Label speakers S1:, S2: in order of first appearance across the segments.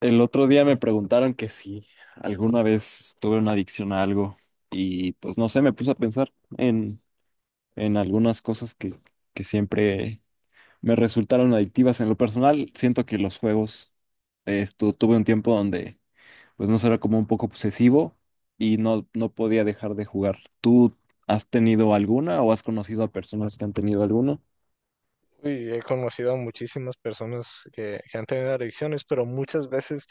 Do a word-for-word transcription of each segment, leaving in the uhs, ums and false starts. S1: El otro día me preguntaron que si alguna vez tuve una adicción a algo y pues no sé, me puse a pensar en, en algunas cosas que, que siempre me resultaron adictivas. En lo personal, siento que los juegos, esto, tuve un tiempo donde pues no sé, era como un poco obsesivo y no, no podía dejar de jugar. ¿Tú has tenido alguna o has conocido a personas que han tenido alguna?
S2: Uy, he conocido a muchísimas personas que, que han tenido adicciones, pero muchas veces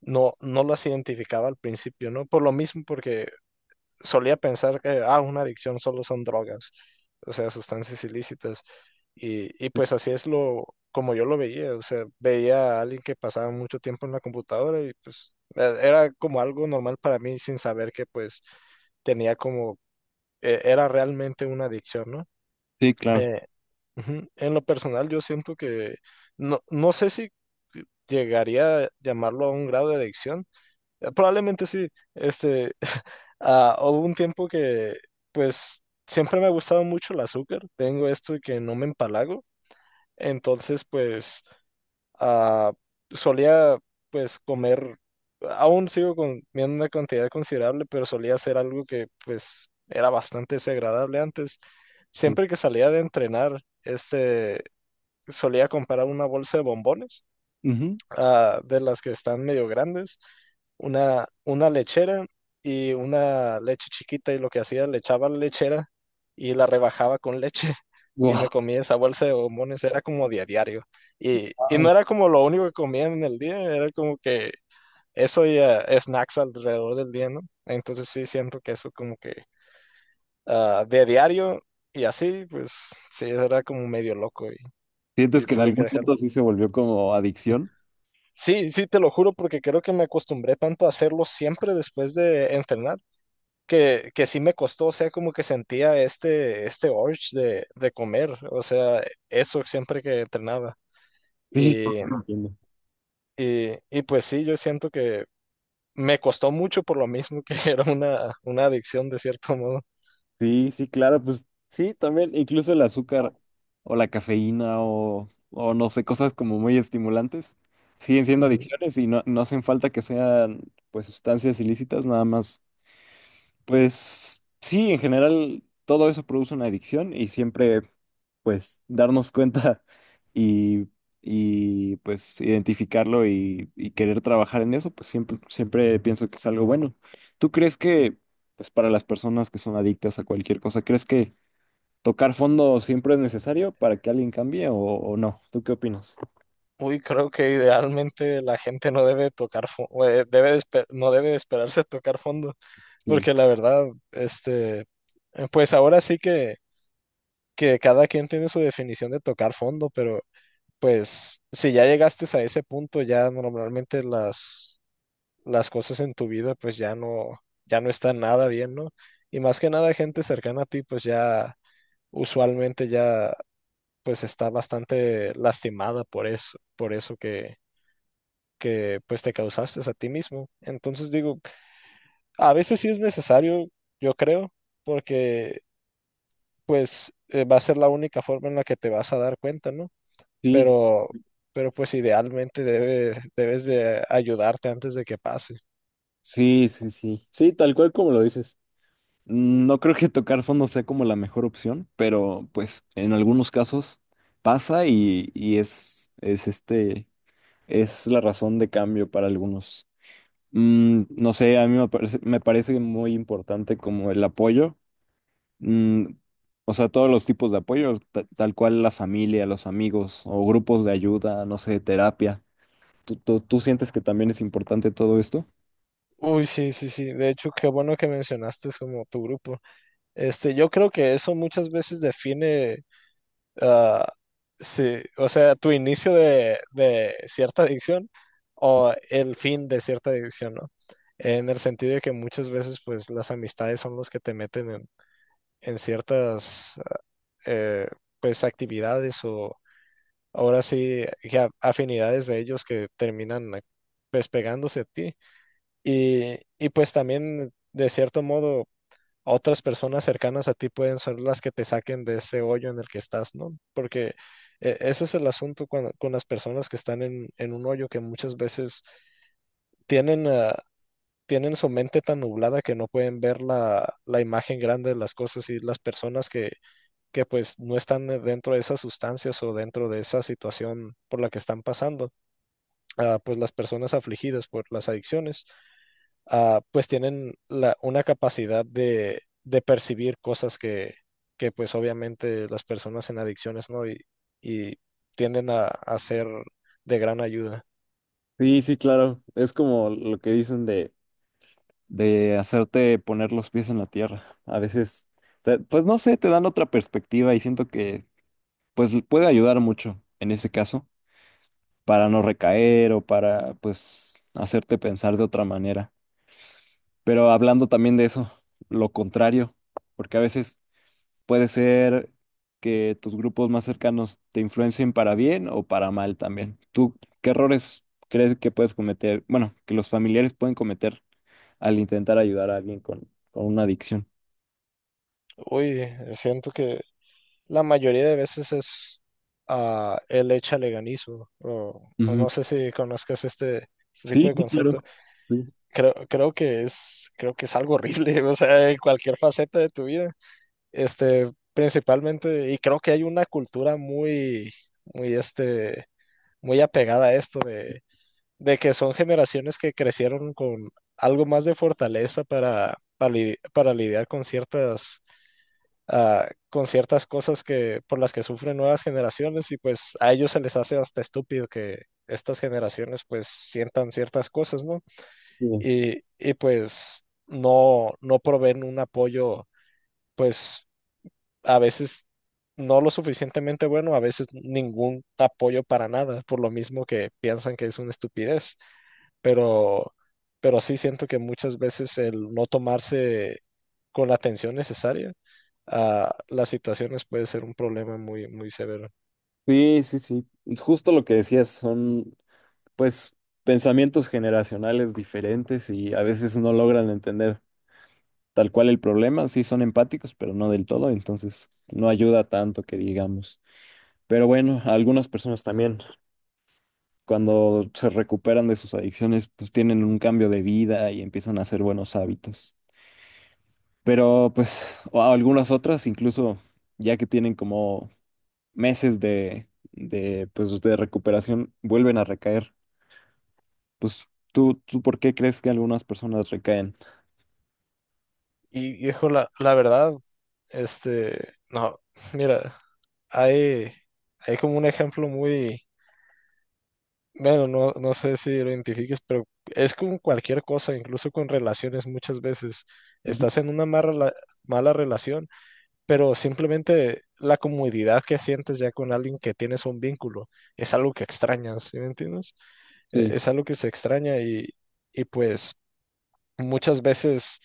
S2: no, no las identificaba al principio, ¿no? Por lo mismo, porque solía pensar que, ah, una adicción solo son drogas, o sea, sustancias ilícitas. Y, y pues así es lo, como yo lo veía, o sea, veía a alguien que pasaba mucho tiempo en la computadora y pues e- era como algo normal para mí sin saber que pues tenía como, e- era realmente una adicción, ¿no?
S1: Sí, claro.
S2: Eh, Ujú. En lo personal, yo siento que no, no sé si llegaría a llamarlo a un grado de adicción. Eh, Probablemente sí. Este, ah, hubo un tiempo que, pues, siempre me ha gustado mucho el azúcar. Tengo esto de que no me empalago. Entonces, pues, ah, solía, pues, comer. Aún sigo comiendo una cantidad considerable, pero solía hacer algo que, pues, era bastante desagradable antes.
S1: Sí.
S2: Siempre que salía de entrenar, este solía comprar una bolsa de bombones,
S1: Ujú.
S2: ah, de las que están medio grandes, una, una lechera y una leche chiquita y lo que hacía, le echaba la lechera y la rebajaba con leche y me
S1: Wow.
S2: comía esa bolsa de bombones, era como día a diario. Y, y no era como lo único que comía en el día, era como que eso y ah, snacks alrededor del día, ¿no? Entonces sí siento que eso como que ah, de a diario y así, pues sí, era como medio loco y,
S1: ¿Sientes
S2: y
S1: que en
S2: tuve que
S1: algún
S2: dejarlo.
S1: punto sí se volvió como adicción?
S2: Sí, sí, te lo juro porque creo que me acostumbré tanto a hacerlo siempre después de entrenar, que, que sí me costó, o sea, como que sentía este, este urge de, de comer, o sea, eso siempre que entrenaba.
S1: Sí,
S2: Y,
S1: entiendo.
S2: y, y pues sí, yo siento que me costó mucho por lo mismo que era una, una adicción de cierto modo.
S1: Sí, sí, claro, pues sí, también, incluso el azúcar o la cafeína o, o no sé, cosas como muy estimulantes siguen siendo
S2: Ujú.
S1: adicciones y no, no hacen falta que sean pues sustancias ilícitas, nada más. Pues sí, en general todo eso produce una adicción y siempre pues darnos cuenta y, y pues identificarlo y, y querer trabajar en eso, pues siempre, siempre pienso que es algo bueno. ¿Tú crees que pues para las personas que son adictas a cualquier cosa, crees que tocar fondo siempre es necesario para que alguien cambie o, o no? ¿Tú qué opinas?
S2: Uy, creo que idealmente la gente no debe tocar, fo- o, eh, debe de espe- no debe de esperarse tocar fondo,
S1: Sí,
S2: porque la verdad, este, pues ahora sí que... que cada quien tiene su definición de tocar fondo, pero pues si ya llegaste a ese punto, ya normalmente las, las cosas en tu vida pues ya no, ya no están nada bien, ¿no? Y más que nada gente cercana a ti pues ya usualmente ya pues está bastante lastimada por eso, por eso que, que pues te causaste a ti mismo. Entonces digo, a veces sí es necesario, yo creo, porque pues eh, va a ser la única forma en la que te vas a dar cuenta, ¿no?
S1: sí.
S2: pero, pero pues idealmente debe- debes de ayudarte antes de que pase.
S1: Sí, sí, sí. Sí, tal cual como lo dices. No creo que tocar fondo sea como la mejor opción, pero pues en algunos casos pasa y, y es, es este, es la razón de cambio para algunos. Mm, no sé, a mí me parece, me parece muy importante como el apoyo, mm, o sea, todos los tipos de apoyo, ta- tal cual la familia, los amigos o grupos de ayuda, no sé, terapia. ¿Tú, tú, tú sientes que también es importante todo esto?
S2: Uy, sí, sí, sí. De hecho, qué bueno que mencionaste es como tu grupo. Este, yo creo que eso muchas veces define, ah, sí, o sea, tu inicio de, de cierta adicción o el fin de cierta adicción, ¿no? En el sentido de que muchas veces, pues, las amistades son los que te meten en, en ciertas, eh, pues, actividades o ahora sí, ya afinidades de ellos que terminan eh, pues pegándose a ti. Y, y pues también, de cierto modo, otras personas cercanas a ti pueden ser las que te saquen de ese hoyo en el que estás, ¿no? Porque eh, ese es el asunto cuando con las personas que están en, en un hoyo que muchas veces tienen, ah, tienen su mente tan nublada que no pueden ver la, la imagen grande de las cosas y las personas que, que pues no están eh, dentro de esas sustancias o dentro de esa situación por la que están pasando ah, pues las personas afligidas por las adicciones, ah, pues tienen la, una capacidad de, de percibir cosas que, que pues obviamente las personas en adicciones no y, y tienden a, a ser de gran ayuda.
S1: Sí, sí, claro. Es como lo que dicen de... de hacerte poner los pies en la tierra. A veces, te- pues no sé, te dan otra perspectiva y siento que pues puede ayudar mucho en ese caso para no recaer o para pues hacerte pensar de otra manera. Pero hablando también de eso, lo contrario, porque a veces puede ser que tus grupos más cercanos te influencien para bien o para mal también. ¿Tú qué errores crees que puedes cometer? Bueno, que los familiares pueden cometer al intentar ayudar a alguien con, con una adicción.
S2: Uy, siento que la mayoría de veces es ah, el echaleganismo, o, o
S1: Ujú.
S2: no sé si conozcas este, este tipo
S1: Sí,
S2: de
S1: sí, claro.
S2: concepto.
S1: Sí,
S2: Creo, creo que es, creo que es algo horrible, o sea, en cualquier faceta de tu vida. Este, principalmente, y creo que hay una cultura muy, muy, este, muy apegada a esto de, de que son generaciones que crecieron con algo más de fortaleza para, para, li- para lidiar con ciertas, ah, con ciertas cosas que, por las que sufren nuevas generaciones y pues a ellos se les hace hasta estúpido que estas generaciones pues sientan ciertas cosas, ¿no?
S1: sí,
S2: Y, y pues no, no proveen un apoyo pues a veces no lo suficientemente bueno, a veces ningún apoyo para nada, por lo mismo que piensan que es una estupidez, pero, pero sí siento que muchas veces el no tomarse con la atención necesaria a las situaciones puede ser un problema muy, muy severo.
S1: sí, sí. Sí. Es justo lo que decías, son pues pensamientos generacionales diferentes y a veces no logran entender tal cual el problema. Sí son empáticos, pero no del todo, entonces no ayuda tanto que digamos. Pero bueno, a algunas personas también, cuando se recuperan de sus adicciones, pues tienen un cambio de vida y empiezan a hacer buenos hábitos. Pero pues o a algunas otras incluso ya que tienen como meses de, de, pues, de recuperación vuelven a recaer. Pues tú, ¿tú por qué crees que algunas personas recaen?
S2: Y hijo, la, la verdad, este, no, mira, hay, hay como un ejemplo muy, bueno, no, no sé si lo identifiques, pero es con cualquier cosa, incluso con relaciones muchas veces.
S1: Ujú.
S2: Estás en una mala, rela- mala relación, pero simplemente la comodidad que sientes ya con alguien que tienes un vínculo es algo que extrañas, ¿sí me entiendes? E-
S1: Sí.
S2: Es algo que se extraña y, y pues muchas veces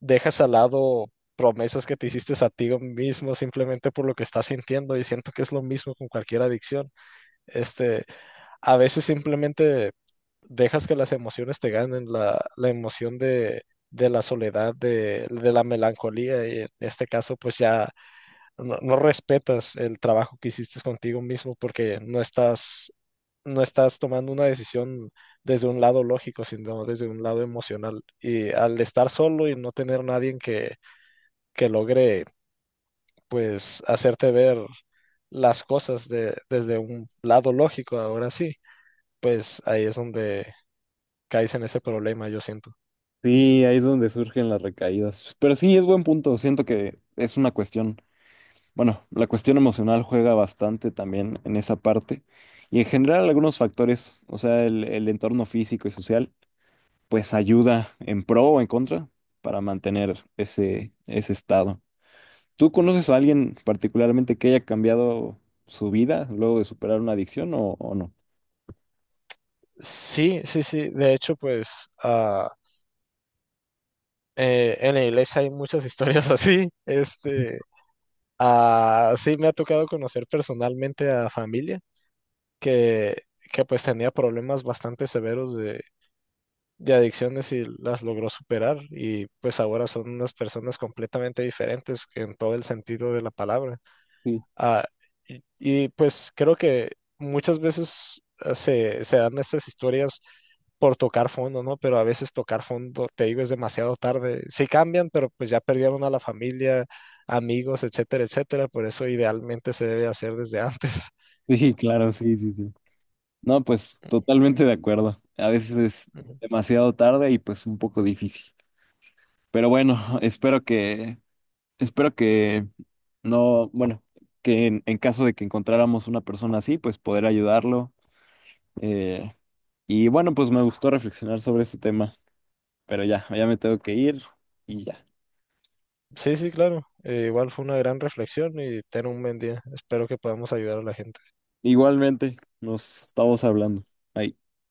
S2: dejas al lado promesas que te hiciste a ti mismo simplemente por lo que estás sintiendo y siento que es lo mismo con cualquier adicción. Este, a veces simplemente dejas que las emociones te ganen, la, la emoción de, de la soledad, de, de la melancolía, y en este caso pues ya no, no respetas el trabajo que hiciste contigo mismo porque no estás, no estás tomando una decisión desde un lado lógico, sino desde un lado emocional. Y al estar solo y no tener nadie que, que logre pues hacerte ver las cosas de, desde un lado lógico, ahora sí, pues ahí es donde caes en ese problema, yo siento.
S1: Sí, ahí es donde surgen las recaídas. Pero sí, es buen punto. Siento que es una cuestión, bueno, la cuestión emocional juega bastante también en esa parte. Y en general algunos factores, o sea, el, el entorno físico y social, pues ayuda en pro o en contra para mantener ese, ese estado. ¿Tú conoces a alguien particularmente que haya cambiado su vida luego de superar una adicción o, o no?
S2: Sí, sí, sí. De hecho, pues ah, eh, en la iglesia hay muchas historias así. Este, ah, sí, me ha tocado conocer personalmente a familia que, que pues tenía problemas bastante severos de, de adicciones y las logró superar y pues ahora son unas personas completamente diferentes en todo el sentido de la palabra.
S1: Sí,
S2: Ah, y, y, pues creo que muchas veces eh, se, se dan estas historias por tocar fondo, ¿no? Pero a veces tocar fondo, te digo, es demasiado tarde. Sí cambian, pero pues ya perdieron a la familia, amigos, etcétera, etcétera. Por eso idealmente se debe hacer desde antes.
S1: sí, claro, sí, sí, sí. No, pues totalmente de acuerdo. A veces es
S2: Ujú.
S1: demasiado tarde y pues un poco difícil. Pero bueno, espero que, espero que no, bueno, que en, en caso de que encontráramos una persona así, pues poder ayudarlo. Eh, y bueno, pues me gustó reflexionar sobre este tema, pero ya, ya me tengo que ir y ya.
S2: Sí, sí, claro. Eh, igual fue una gran reflexión y ten un buen día. Espero que podamos ayudar a la gente.
S1: Igualmente, nos estamos hablando. Ahí.